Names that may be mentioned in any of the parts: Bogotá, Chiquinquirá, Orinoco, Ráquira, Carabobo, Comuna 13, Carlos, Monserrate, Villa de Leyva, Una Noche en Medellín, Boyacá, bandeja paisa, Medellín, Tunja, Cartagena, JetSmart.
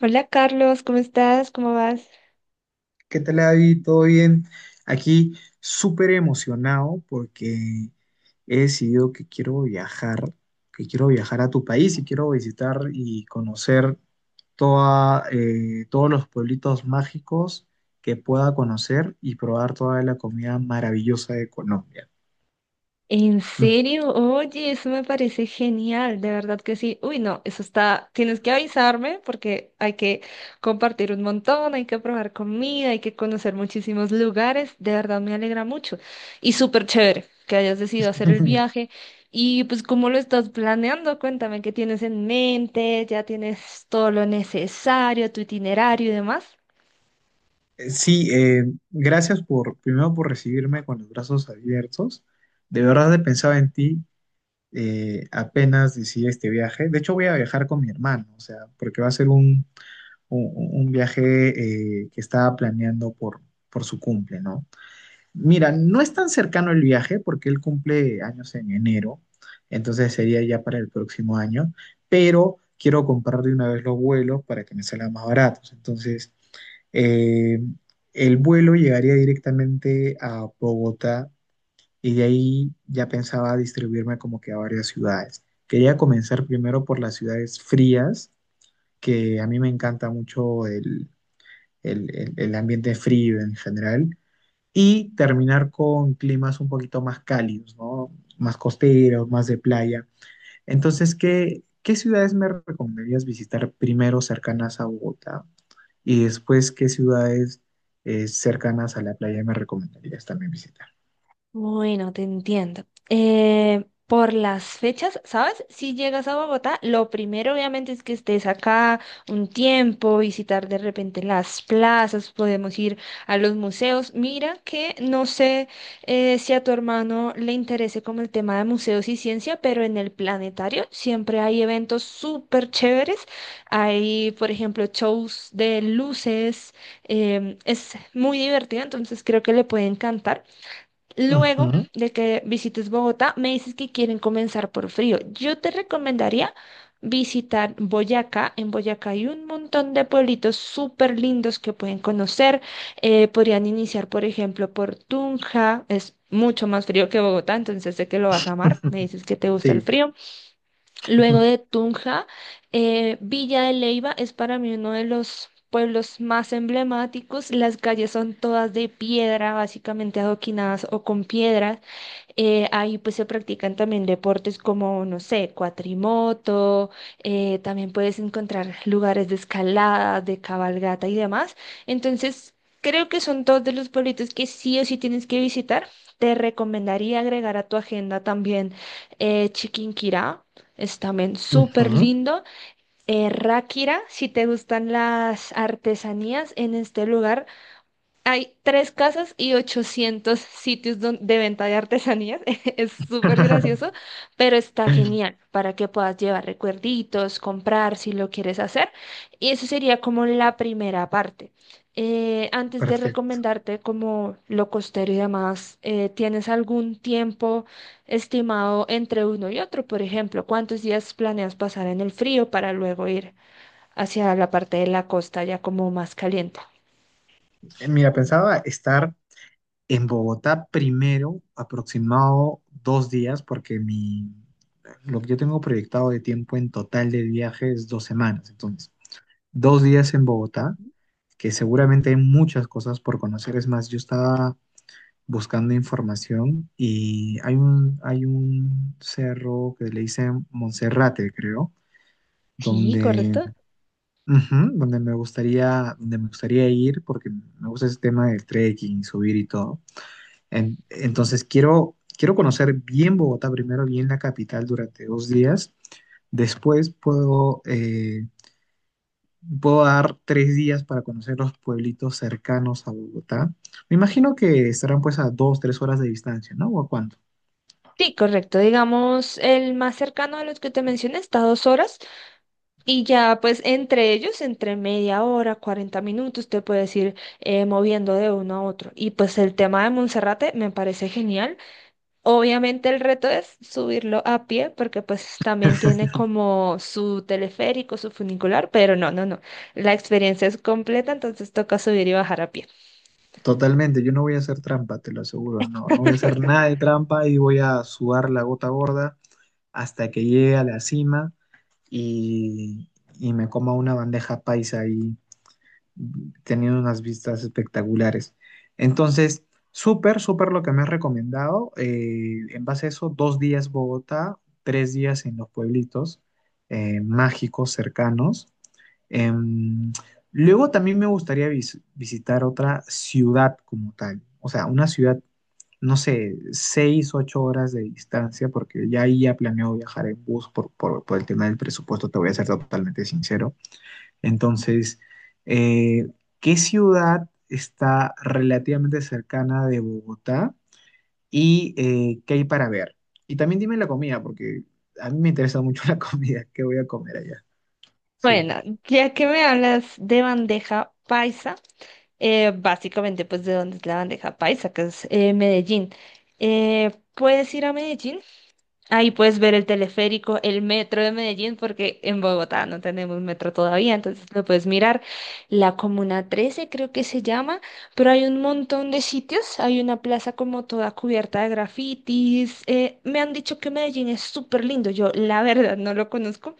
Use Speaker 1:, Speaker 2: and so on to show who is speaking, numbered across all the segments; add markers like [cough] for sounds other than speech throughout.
Speaker 1: Hola Carlos, ¿cómo estás? ¿Cómo vas?
Speaker 2: ¿Qué tal, David? ¿Todo bien? Aquí súper emocionado porque he decidido que quiero viajar a tu país y quiero visitar y conocer todos los pueblitos mágicos que pueda conocer y probar toda la comida maravillosa de Colombia.
Speaker 1: ¿En serio? Oye, eso me parece genial, de verdad que sí. Uy, no, eso está, tienes que avisarme porque hay que compartir un montón, hay que probar comida, hay que conocer muchísimos lugares, de verdad me alegra mucho. Y súper chévere que hayas decidido hacer el
Speaker 2: [laughs]
Speaker 1: viaje. Y pues, ¿cómo lo estás planeando? Cuéntame qué tienes en mente, ya tienes todo lo necesario, tu itinerario y demás.
Speaker 2: Sí, gracias primero por recibirme con los brazos abiertos. De verdad he pensado en ti apenas decida este viaje. De hecho, voy a viajar con mi hermano, o sea, porque va a ser un, un viaje que estaba planeando por su cumple, ¿no? Mira, no es tan cercano el viaje porque él cumple años en enero, entonces sería ya para el próximo año, pero quiero comprar de una vez los vuelos para que me salgan más baratos. Entonces, eh, el vuelo llegaría directamente a Bogotá y de ahí ya pensaba distribuirme como que a varias ciudades. Quería comenzar primero por las ciudades frías, que a mí me encanta mucho el ambiente frío en general, y terminar con climas un poquito más cálidos, ¿no? Más costeros, más de playa. Entonces, ¿qué, qué ciudades me recomendarías visitar primero cercanas a Bogotá? Y después, ¿qué ciudades cercanas a la playa me recomendarías también visitar?
Speaker 1: Bueno, te entiendo. Por las fechas, ¿sabes? Si llegas a Bogotá, lo primero obviamente es que estés acá un tiempo, visitar de repente las plazas, podemos ir a los museos. Mira que no sé si a tu hermano le interese como el tema de museos y ciencia, pero en el planetario siempre hay eventos súper chéveres. Hay, por ejemplo, shows de luces. Es muy divertido, entonces creo que le puede encantar. Luego
Speaker 2: Ujú.
Speaker 1: de que visites Bogotá, me dices que quieren comenzar por frío. Yo te recomendaría visitar Boyacá. En Boyacá hay un montón de pueblitos súper lindos que pueden conocer. Podrían iniciar, por ejemplo, por Tunja. Es mucho más frío que Bogotá, entonces sé que lo vas a amar. Me
Speaker 2: [laughs]
Speaker 1: dices que te gusta el
Speaker 2: Sí.
Speaker 1: frío. Luego
Speaker 2: [laughs]
Speaker 1: de Tunja, Villa de Leyva es para mí uno de los pueblos más emblemáticos. Las calles son todas de piedra, básicamente adoquinadas o con piedra. Ahí pues se practican también deportes como, no sé, cuatrimoto, también puedes encontrar lugares de escalada, de cabalgata y demás. Entonces, creo que son dos de los pueblitos que sí o sí tienes que visitar. Te recomendaría agregar a tu agenda también Chiquinquirá, es también súper
Speaker 2: Ujú.
Speaker 1: lindo. Ráquira, si te gustan las artesanías en este lugar. Hay tres casas y 800 sitios de venta de artesanías. [laughs] Es súper gracioso,
Speaker 2: [laughs]
Speaker 1: pero está genial para que puedas llevar recuerditos, comprar si lo quieres hacer. Y eso sería como la primera parte. Antes de
Speaker 2: Perfecto.
Speaker 1: recomendarte como lo costero y demás, ¿tienes algún tiempo estimado entre uno y otro? Por ejemplo, ¿cuántos días planeas pasar en el frío para luego ir hacia la parte de la costa ya como más caliente?
Speaker 2: Mira, pensaba estar en Bogotá primero, aproximado 2 días, porque mi, lo que yo tengo proyectado de tiempo en total de viaje es 2 semanas. Entonces, dos días en Bogotá, que seguramente hay muchas cosas por conocer. Es más, yo estaba buscando información y hay un cerro que le dicen Monserrate, creo,
Speaker 1: Sí,
Speaker 2: donde
Speaker 1: correcto.
Speaker 2: Ujú, donde me gustaría ir porque me gusta ese tema del trekking, subir y todo. Entonces quiero conocer bien Bogotá primero, bien la capital durante 2 días. Después puedo dar 3 días para conocer los pueblitos cercanos a Bogotá. Me imagino que estarán pues a 2, 3 horas de distancia, ¿no? ¿O a cuánto?
Speaker 1: Sí, correcto. Digamos, el más cercano de los que te mencioné está a 2 horas y ya pues entre ellos, entre media hora, 40 minutos, te puedes ir moviendo de uno a otro. Y pues el tema de Monserrate me parece genial. Obviamente el reto es subirlo a pie porque pues también tiene como su teleférico, su funicular, pero no, no, no. La experiencia es completa, entonces toca subir y bajar a pie.
Speaker 2: Totalmente, yo no voy a hacer trampa, te lo aseguro, no, no voy a hacer nada de trampa y voy a sudar la gota gorda hasta que llegue a la cima y, y me coma una bandeja paisa ahí, teniendo unas vistas espectaculares. Entonces, súper, súper lo que me has recomendado. En base a eso, 2 días Bogotá, 3 días en los pueblitos mágicos cercanos. Em, luego también me gustaría visitar otra ciudad como tal, o sea, una ciudad, no sé, 6, 8 horas de distancia, porque ya ahí ya planeo viajar en bus por el tema del presupuesto, te voy a ser totalmente sincero. Entonces, eh, ¿qué ciudad está relativamente cercana de Bogotá y qué hay para ver? Y también dime la comida, porque a mí me interesa mucho [laughs] la comida, ¿qué voy a comer allá? Sí.
Speaker 1: Bueno, ya que me hablas de bandeja paisa. Básicamente pues de donde es la bandeja paisa, que es Medellín. Puedes ir a Medellín. Ahí puedes ver el teleférico, el metro de Medellín, porque en Bogotá no tenemos metro todavía, entonces lo puedes mirar. La Comuna 13 creo que se llama, pero hay un montón de sitios. Hay una plaza como toda cubierta de grafitis. Me han dicho que Medellín es súper lindo. Yo la [laughs] verdad no lo conozco,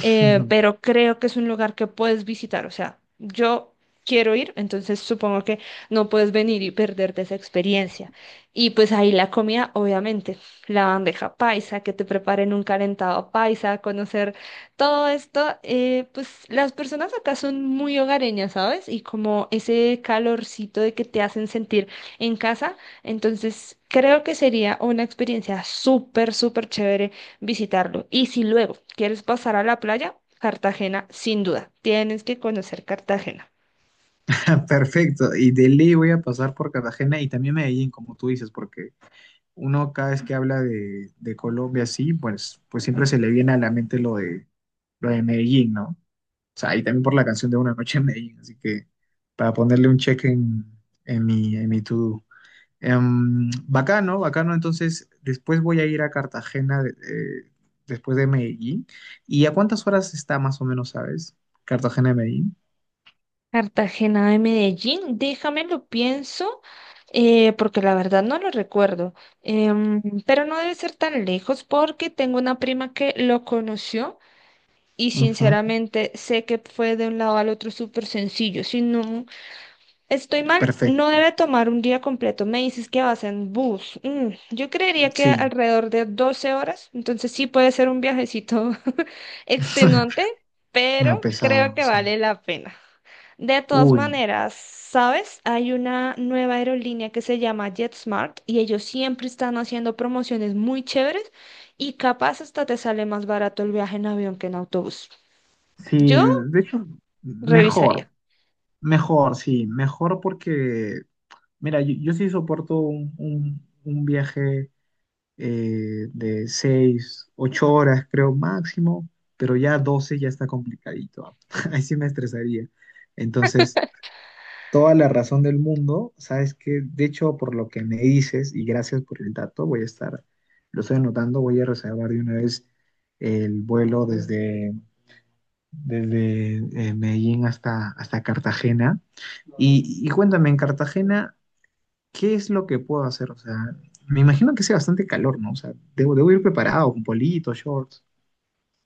Speaker 1: pero creo que es un lugar que puedes visitar. O sea, yo quiero ir, entonces supongo que no puedes venir y perderte esa experiencia. Y pues ahí la comida, obviamente la bandeja paisa, que te preparen un calentado paisa, conocer todo esto, pues las personas acá son muy hogareñas, ¿sabes? Y como ese calorcito de que te hacen sentir en casa, entonces creo que sería una experiencia súper, súper chévere visitarlo. Y si luego quieres pasar a la playa, Cartagena, sin duda, tienes que conocer Cartagena.
Speaker 2: [laughs] Perfecto, y de ley voy a pasar por Cartagena y también Medellín, como tú dices, porque uno cada vez que habla de Colombia sí pues, pues siempre se le viene a la mente lo de Medellín, ¿no? O sea, y también por la canción de Una Noche en Medellín, así que para ponerle un check en mi to-do. Bacano, bacano, entonces después voy a ir a Cartagena después de Medellín. ¿Y a cuántas horas está más o menos, sabes? Cartagena de Medellín.
Speaker 1: Cartagena de Medellín, déjame lo pienso, porque la verdad no lo recuerdo. Em, pero no debe ser tan lejos porque tengo una prima que lo conoció y
Speaker 2: Ujú,
Speaker 1: sinceramente sé que fue de un lado al otro súper sencillo. Si no estoy mal, no
Speaker 2: perfecto,
Speaker 1: debe tomar un día completo. Me dices que vas en bus. Yo creería que
Speaker 2: sí.
Speaker 1: alrededor de 12 horas, entonces sí puede ser un viajecito [laughs]
Speaker 2: [laughs]
Speaker 1: extenuante,
Speaker 2: Medio
Speaker 1: pero creo
Speaker 2: pesado,
Speaker 1: que
Speaker 2: sí.
Speaker 1: vale la pena. De todas
Speaker 2: Uy,
Speaker 1: maneras, ¿sabes? Hay una nueva aerolínea que se llama JetSmart y ellos siempre están haciendo promociones muy chéveres y capaz hasta te sale más barato el viaje en avión que en autobús.
Speaker 2: sí,
Speaker 1: Yo
Speaker 2: de hecho, mejor,
Speaker 1: revisaría.
Speaker 2: mejor, sí, mejor porque, mira, yo sí soporto un viaje de 6, 8 horas, creo, máximo, pero ya 12 ya está complicadito. Ah. [laughs] Ahí sí me estresaría. Entonces, toda la razón del mundo, sabes que, de hecho, por lo que me dices, y gracias por el dato, voy a estar, lo estoy anotando, voy a reservar de una vez el vuelo desde. desde Medellín hasta Cartagena. Y cuéntame, en Cartagena, ¿qué es lo que puedo hacer? O sea, me imagino que sea bastante calor, ¿no? O sea, debo ir preparado con politos, shorts.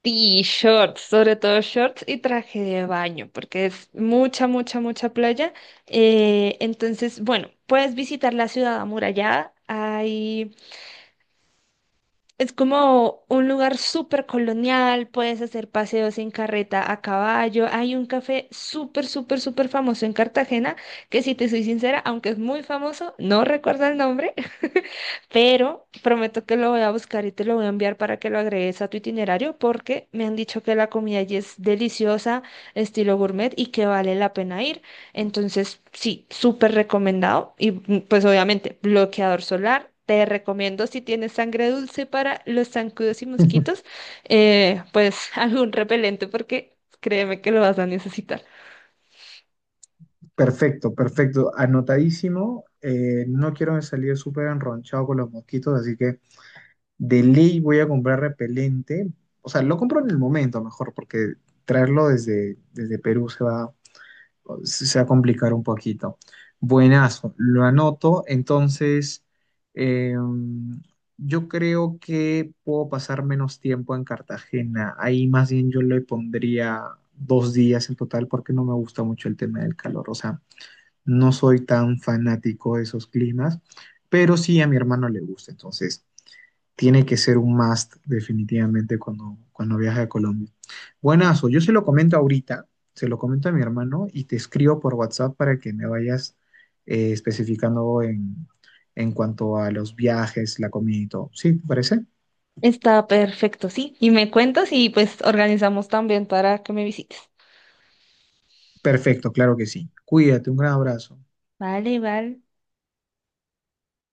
Speaker 1: Y shorts, sobre todo shorts y traje de baño, porque es mucha, mucha, mucha playa. Entonces, bueno, puedes visitar la ciudad amurallada. Hay Es como un lugar súper colonial, puedes hacer paseos en carreta a caballo. Hay un café súper, súper, súper famoso en Cartagena, que si te soy sincera, aunque es muy famoso, no recuerdo el nombre, [laughs] pero prometo que lo voy a buscar y te lo voy a enviar para que lo agregues a tu itinerario, porque me han dicho que la comida allí es deliciosa, estilo gourmet, y que vale la pena ir. Entonces, sí, súper recomendado. Y pues obviamente, bloqueador solar. Te recomiendo si tienes sangre dulce para los zancudos y mosquitos,
Speaker 2: [laughs]
Speaker 1: pues [laughs] algún repelente porque créeme que lo vas a necesitar.
Speaker 2: Perfecto, perfecto. Anotadísimo. No quiero salir súper enronchado con los mosquitos, así que de ley voy a comprar repelente. O sea, lo compro en el momento mejor, porque traerlo desde Perú se va a complicar un poquito. Buenazo, lo anoto. Entonces, eh, yo creo que puedo pasar menos tiempo en Cartagena. Ahí más bien yo le pondría 2 días en total porque no me gusta mucho el tema del calor. O sea, no soy tan fanático de esos climas, pero sí a mi hermano le gusta. Entonces, tiene que ser un must definitivamente cuando viaje a Colombia. Buenazo, yo se lo comento ahorita, se lo comento a mi hermano y te escribo por WhatsApp para que me vayas especificando en cuanto a los viajes, la comida y todo. ¿Sí? ¿Te parece?
Speaker 1: Está perfecto, sí. Y me cuentas y pues organizamos también para que me visites.
Speaker 2: Perfecto, claro que sí. Cuídate, un gran abrazo.
Speaker 1: Vale, vale.